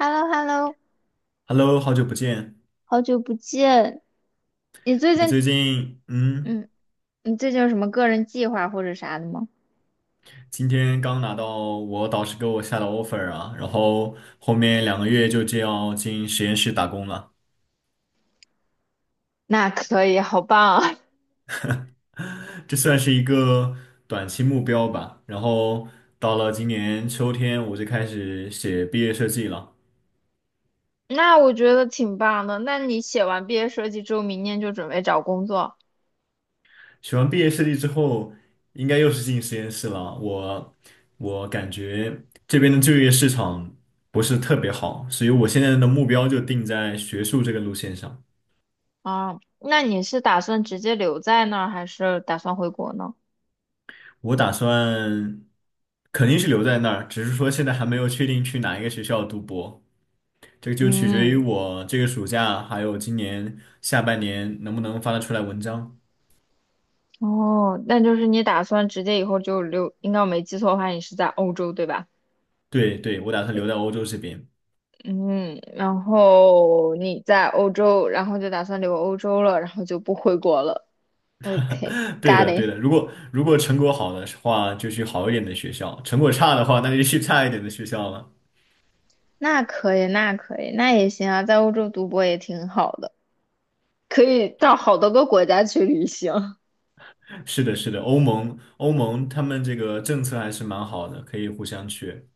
h e l l o h e l l o Hello，好久不见。好久不见。你最你最近，近，嗯，你最近有什么个人计划或者啥的吗？今天刚拿到我导师给我下的 offer 啊，然后后面2个月就这样进实验室打工了，那可以，好棒啊！这算是一个短期目标吧。然后到了今年秋天，我就开始写毕业设计了。那我觉得挺棒的。那你写完毕业设计之后，明年就准备找工作写完毕业设计之后，应该又是进实验室了。我感觉这边的就业市场不是特别好，所以我现在的目标就定在学术这个路线上。啊？那你是打算直接留在那儿，还是打算回国呢？我打算肯定是留在那儿，只是说现在还没有确定去哪一个学校读博，这个就取决于嗯，我这个暑假还有今年下半年能不能发得出来文章。哦，那就是你打算直接以后就留，应该我没记错的话，你是在欧洲对吧？对对，我打算留对，在欧洲这边。嗯，然后你在欧洲，然后就打算留欧洲了，然后就不回国了。对 OK，got 的对 it，的，如果成果好的话，就去好一点的学校；成果差的话，那就去差一点的学校了。那可以，那可以，那也行啊，在欧洲读博也挺好的，可以到好多个国家去旅行。是的，是的，欧盟他们这个政策还是蛮好的，可以互相去。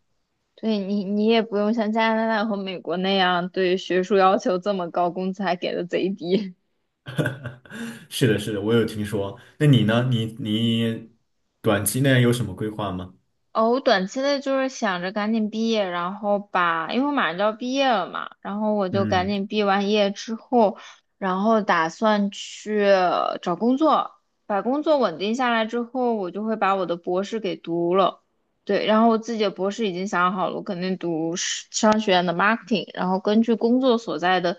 对你，你也不用像加拿大和美国那样对学术要求这么高，工资还给的贼低。是的，是的，我有听说。那你呢？你短期内有什么规划吗？哦，我短期内就是想着赶紧毕业，然后因为我马上就要毕业了嘛，然后我就赶嗯，紧毕完业之后，然后打算去找工作，把工作稳定下来之后，我就会把我的博士给读了。对，然后我自己的博士已经想好了，我肯定读是商学院的 marketing，然后根据工作所在的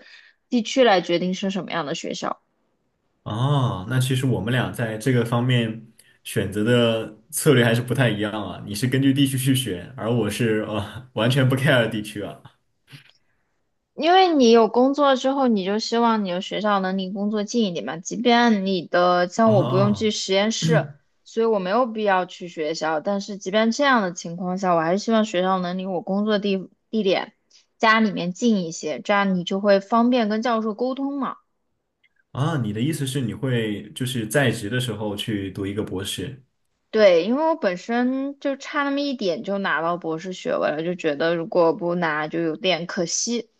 地区来决定是什么样的学校。哦，那其实我们俩在这个方面选择的策略还是不太一样啊。你是根据地区去选，而我是完全不 care 地区啊。因为你有工作之后，你就希望你的学校能离工作近一点嘛。即便像我不用去哦实验室，所以我没有必要去学校。但是即便这样的情况下，我还是希望学校能离我工作地地点家里面近一些，这样你就会方便跟教授沟通嘛。啊，哦你的意思是你会就是在职的时候去读一个博士？对，因为我本身就差那么一点就拿到博士学位了，就觉得如果不拿就有点可惜。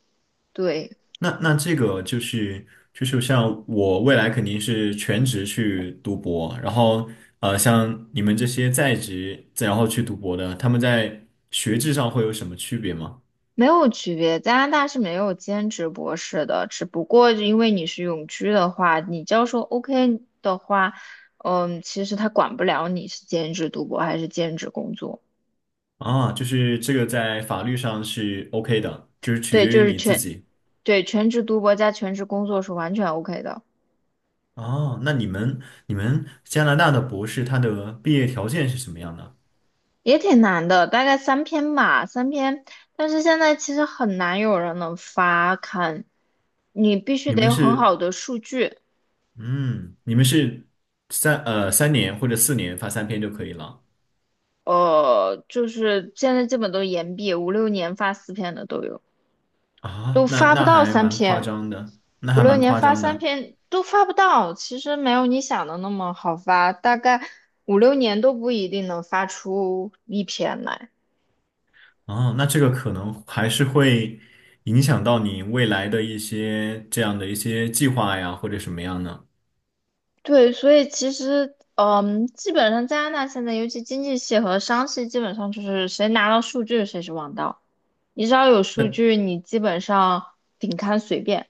对。那这个就是像我未来肯定是全职去读博，然后像你们这些在职再然后去读博的，他们在学制上会有什么区别吗？没有区别，加拿大是没有兼职博士的，只不过因为你是永居的话，你教授 OK 的话，嗯，其实他管不了你是兼职读博还是兼职工作。啊，就是这个在法律上是 OK 的，就是取对，决就于是你自全，己。对，全职读博加全职工作是完全 OK 的，哦，那你们加拿大的博士他的毕业条件是什么样的？也挺难的，大概三篇吧，三篇。但是现在其实很难有人能发刊，你必须你得们有很是好的数据，嗯，你们是3年或者4年发3篇就可以了。就是现在基本都是延毕，五六年发4篇的都有。啊，都那发不那到还三蛮夸篇，张的，那五还六蛮年夸发张三的。篇都发不到。其实没有你想的那么好发，大概五六年都不一定能发出一篇来。哦，那这个可能还是会影响到你未来的一些这样的一些计划呀，或者什么样呢？对，所以其实，嗯，基本上加拿大现在，尤其经济系和商系，基本上就是谁拿到数据谁是王道。你只要有数那据，你基本上顶刊随便，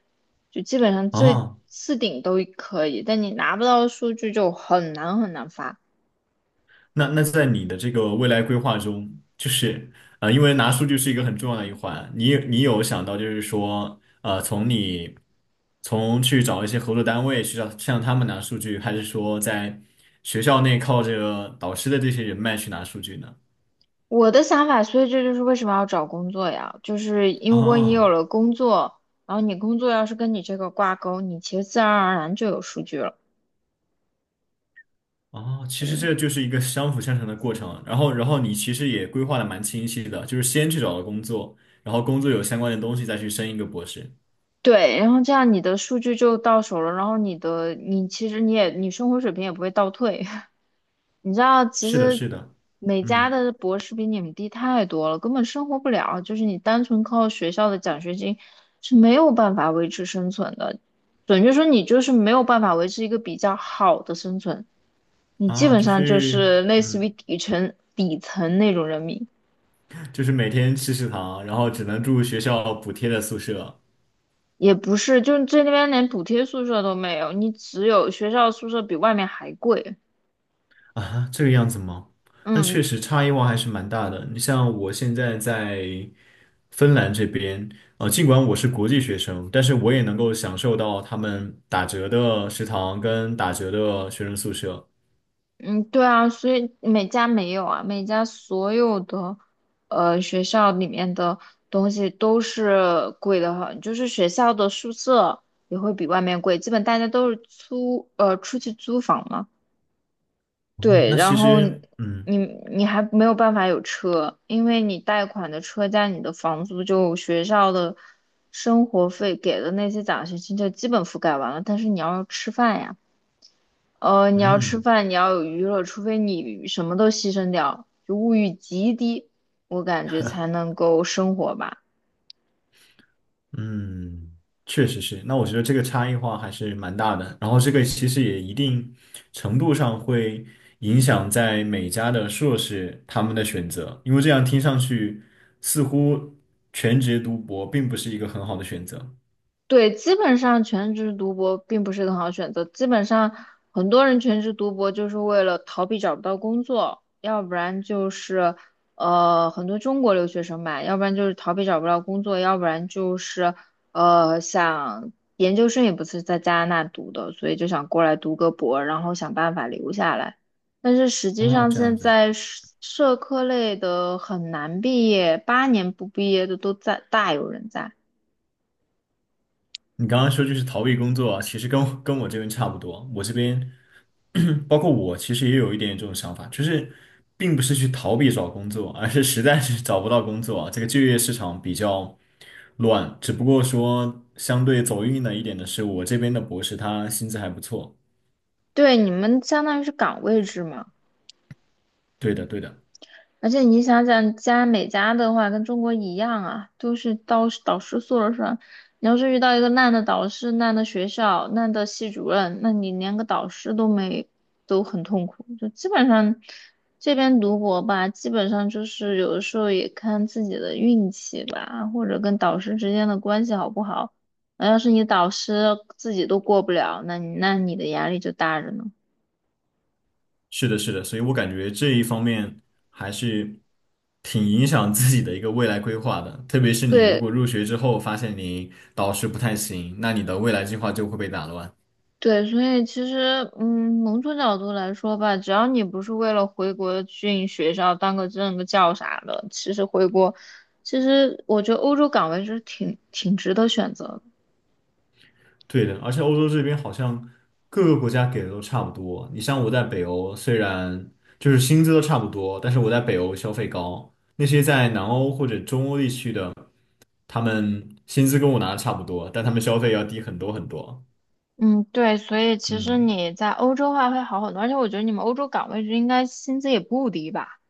就基本上这啊，次顶都可以。但你拿不到数据就很难很难发。那那在你的这个未来规划中，就是因为拿数据是一个很重要的一环，你有想到就是说，从去找一些合作单位去找向他们拿数据，还是说在学校内靠这个导师的这些人脉去拿数据呢？我的想法，所以这就是为什么要找工作呀，就是因为你有啊。了工作，然后你工作要是跟你这个挂钩，你其实自然而然就有数据了。哦，其实嗯，这就是一个相辅相成的过程。然后你其实也规划的蛮清晰的，就是先去找了工作，然后工作有相关的东西再去升一个博士。对，然后这样你的数据就到手了，然后你的你其实你也你生活水平也不会倒退。你知道，其是的，实是的，美加嗯，的博士比你们低太多了，根本生活不了，就是你单纯靠学校的奖学金是没有办法维持生存的。准确说，你就是没有办法维持一个比较好的生存。你基啊，本就上就是是类似于嗯，底层那种人民，就是每天吃食堂，然后只能住学校补贴的宿舍，也不是，就这边连补贴宿舍都没有，你只有学校宿舍比外面还贵。啊，这个样子吗？那嗯确实差异化还是蛮大的。你像我现在在芬兰这边，尽管我是国际学生，但是我也能够享受到他们打折的食堂跟打折的学生宿舍。嗯，对啊，所以每家没有啊，每家所有的学校里面的东西都是贵的很，就是学校的宿舍也会比外面贵，基本大家都是租出去租房嘛。哦，对，那然其后实，你你还没有办法有车，因为你贷款的车加你的房租，就学校的生活费给的那些奖学金就基本覆盖完了。但是你要吃饭呀，呃，你要吃嗯，饭，你要有娱乐，除非你什么都牺牲掉，就物欲极低，我感觉才能够生活吧。嗯，确实是。那我觉得这个差异化还是蛮大的，然后这个其实也一定程度上会影响在每家的硕士他们的选择，因为这样听上去似乎全职读博并不是一个很好的选择。对，基本上全职读博并不是很好选择。基本上很多人全职读博就是为了逃避找不到工作，要不然就是很多中国留学生吧，要不然就是逃避找不到工作，要不然就是想研究生也不是在加拿大读的，所以就想过来读个博，然后想办法留下来。但是实际哦，上这样现子。在社科类的很难毕业，八年不毕业的都在大有人在。你刚刚说就是逃避工作啊，其实跟我这边差不多。我这边，包括我，其实也有一点这种想法，就是并不是去逃避找工作，而是实在是找不到工作啊。这个就业市场比较乱，只不过说相对走运了一点的是，我这边的博士他薪资还不错。对，你们相当于是岗位制嘛，对的，对的。而且你想想，加美的话跟中国一样啊，都是导师说了算。你要是遇到一个烂的导师、烂的学校、烂的系主任，那你连个导师都没，都很痛苦。就基本上这边读博吧，基本上就是有的时候也看自己的运气吧，或者跟导师之间的关系好不好。那要是你导师自己都过不了，那你的压力就大着呢。是的，是的，所以我感觉这一方面还是挺影响自己的一个未来规划的，特别是你如果对，入学之后发现你导师不太行，那你的未来计划就会被打乱。对，所以其实，嗯，某种角度来说吧，只要你不是为了回国进学校当个正个教啥的，其实回国，其实我觉得欧洲岗位是挺值得选择的。对的，而且欧洲这边好像各个国家给的都差不多。你像我在北欧，虽然就是薪资都差不多，但是我在北欧消费高，那些在南欧或者中欧地区的，他们薪资跟我拿的差不多，但他们消费要低很多很多。嗯，对，所以其实嗯。你在欧洲的话会好很多，而且我觉得你们欧洲岗位就应该薪资也不低吧？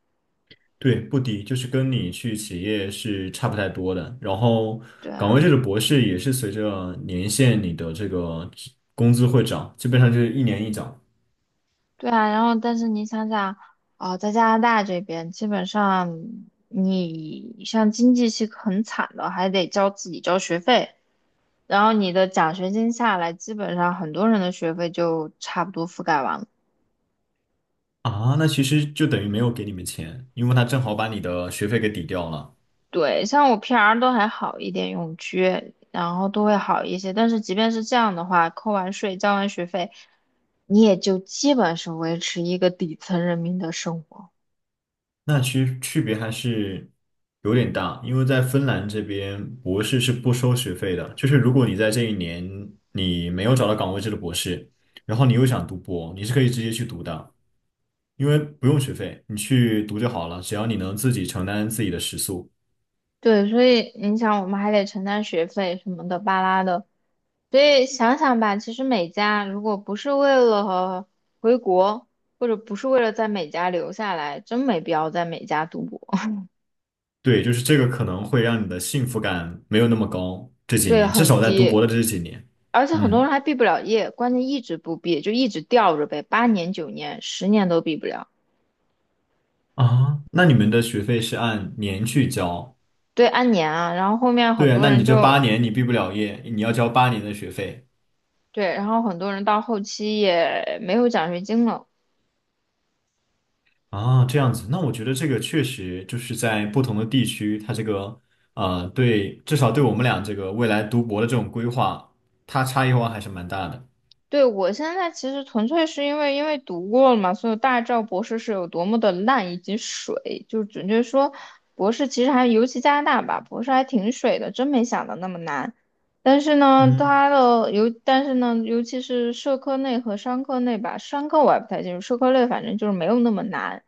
对，不低，就是跟你去企业是差不太多的。然后，对岗位啊。制的博士也是随着年限，你的这个工资会涨，基本上就是一年一涨对啊，然后但是你想想，哦，在加拿大这边，基本上你像经济系很惨的，还得自己交学费，然后你的奖学金下来，基本上很多人的学费就差不多覆盖完了。啊。那其实就等于没有给你们钱，因为他正好把你的学费给抵掉了。对，像我 PR 都还好一点，永居，然后都会好一些。但是即便是这样的话，扣完税、交完学费，你也就基本是维持一个底层人民的生活。那其实区别还是有点大，因为在芬兰这边博士是不收学费的，就是如果你在这一年你没有找到岗位制的博士，然后你又想读博，你是可以直接去读的。因为不用学费，你去读就好了，只要你能自己承担自己的食宿。对，所以你想，我们还得承担学费什么的巴拉的，所以想想吧，其实美加如果不是为了回国，或者不是为了在美加留下来，真没必要在美加读博。对，就是这个可能会让你的幸福感没有那么高，这几对，年，至很少在读低，博的这几年。而且很多嗯人还毕不了业，关键一直不毕，就一直吊着呗，8年、9年、10年都毕不了。那你们的学费是按年去交？对，按年啊，然后后面很对啊，多那你人这就八年你毕不了业，你要交八年的学费。对，然后很多人到后期也没有奖学金了。啊，这样子。那我觉得这个确实就是在不同的地区，它这个对，至少对我们俩这个未来读博的这种规划，它差异化还是蛮大的。对，我现在其实纯粹是因为读过了嘛，所以大家知道博士是有多么的烂以及水，就准确说，博士其实还尤其加拿大吧，博士还挺水的，真没想到那么难。嗯但是呢，尤其是社科类和商科类吧，商科我也不太清楚，社科类反正就是没有那么难。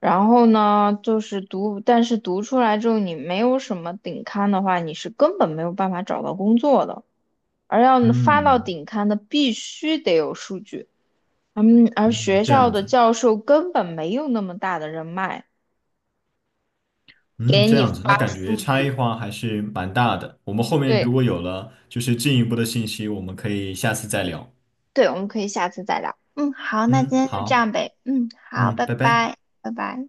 然后呢，就是读，但是读出来之后你没有什么顶刊的话，你是根本没有办法找到工作的。而要发到嗯。顶刊的必须得有数据，嗯，而嗯，学这校样的子，教授根本没有那么大的人脉嗯，给这你样子，那发感觉数差异据。化还是蛮大的。我们后面如对果有了就是进一步的信息，我们可以下次再聊。对，我们可以下次再聊。嗯，好，那今嗯，天就这好，样呗。嗯，好，嗯，拜拜拜。拜，拜拜。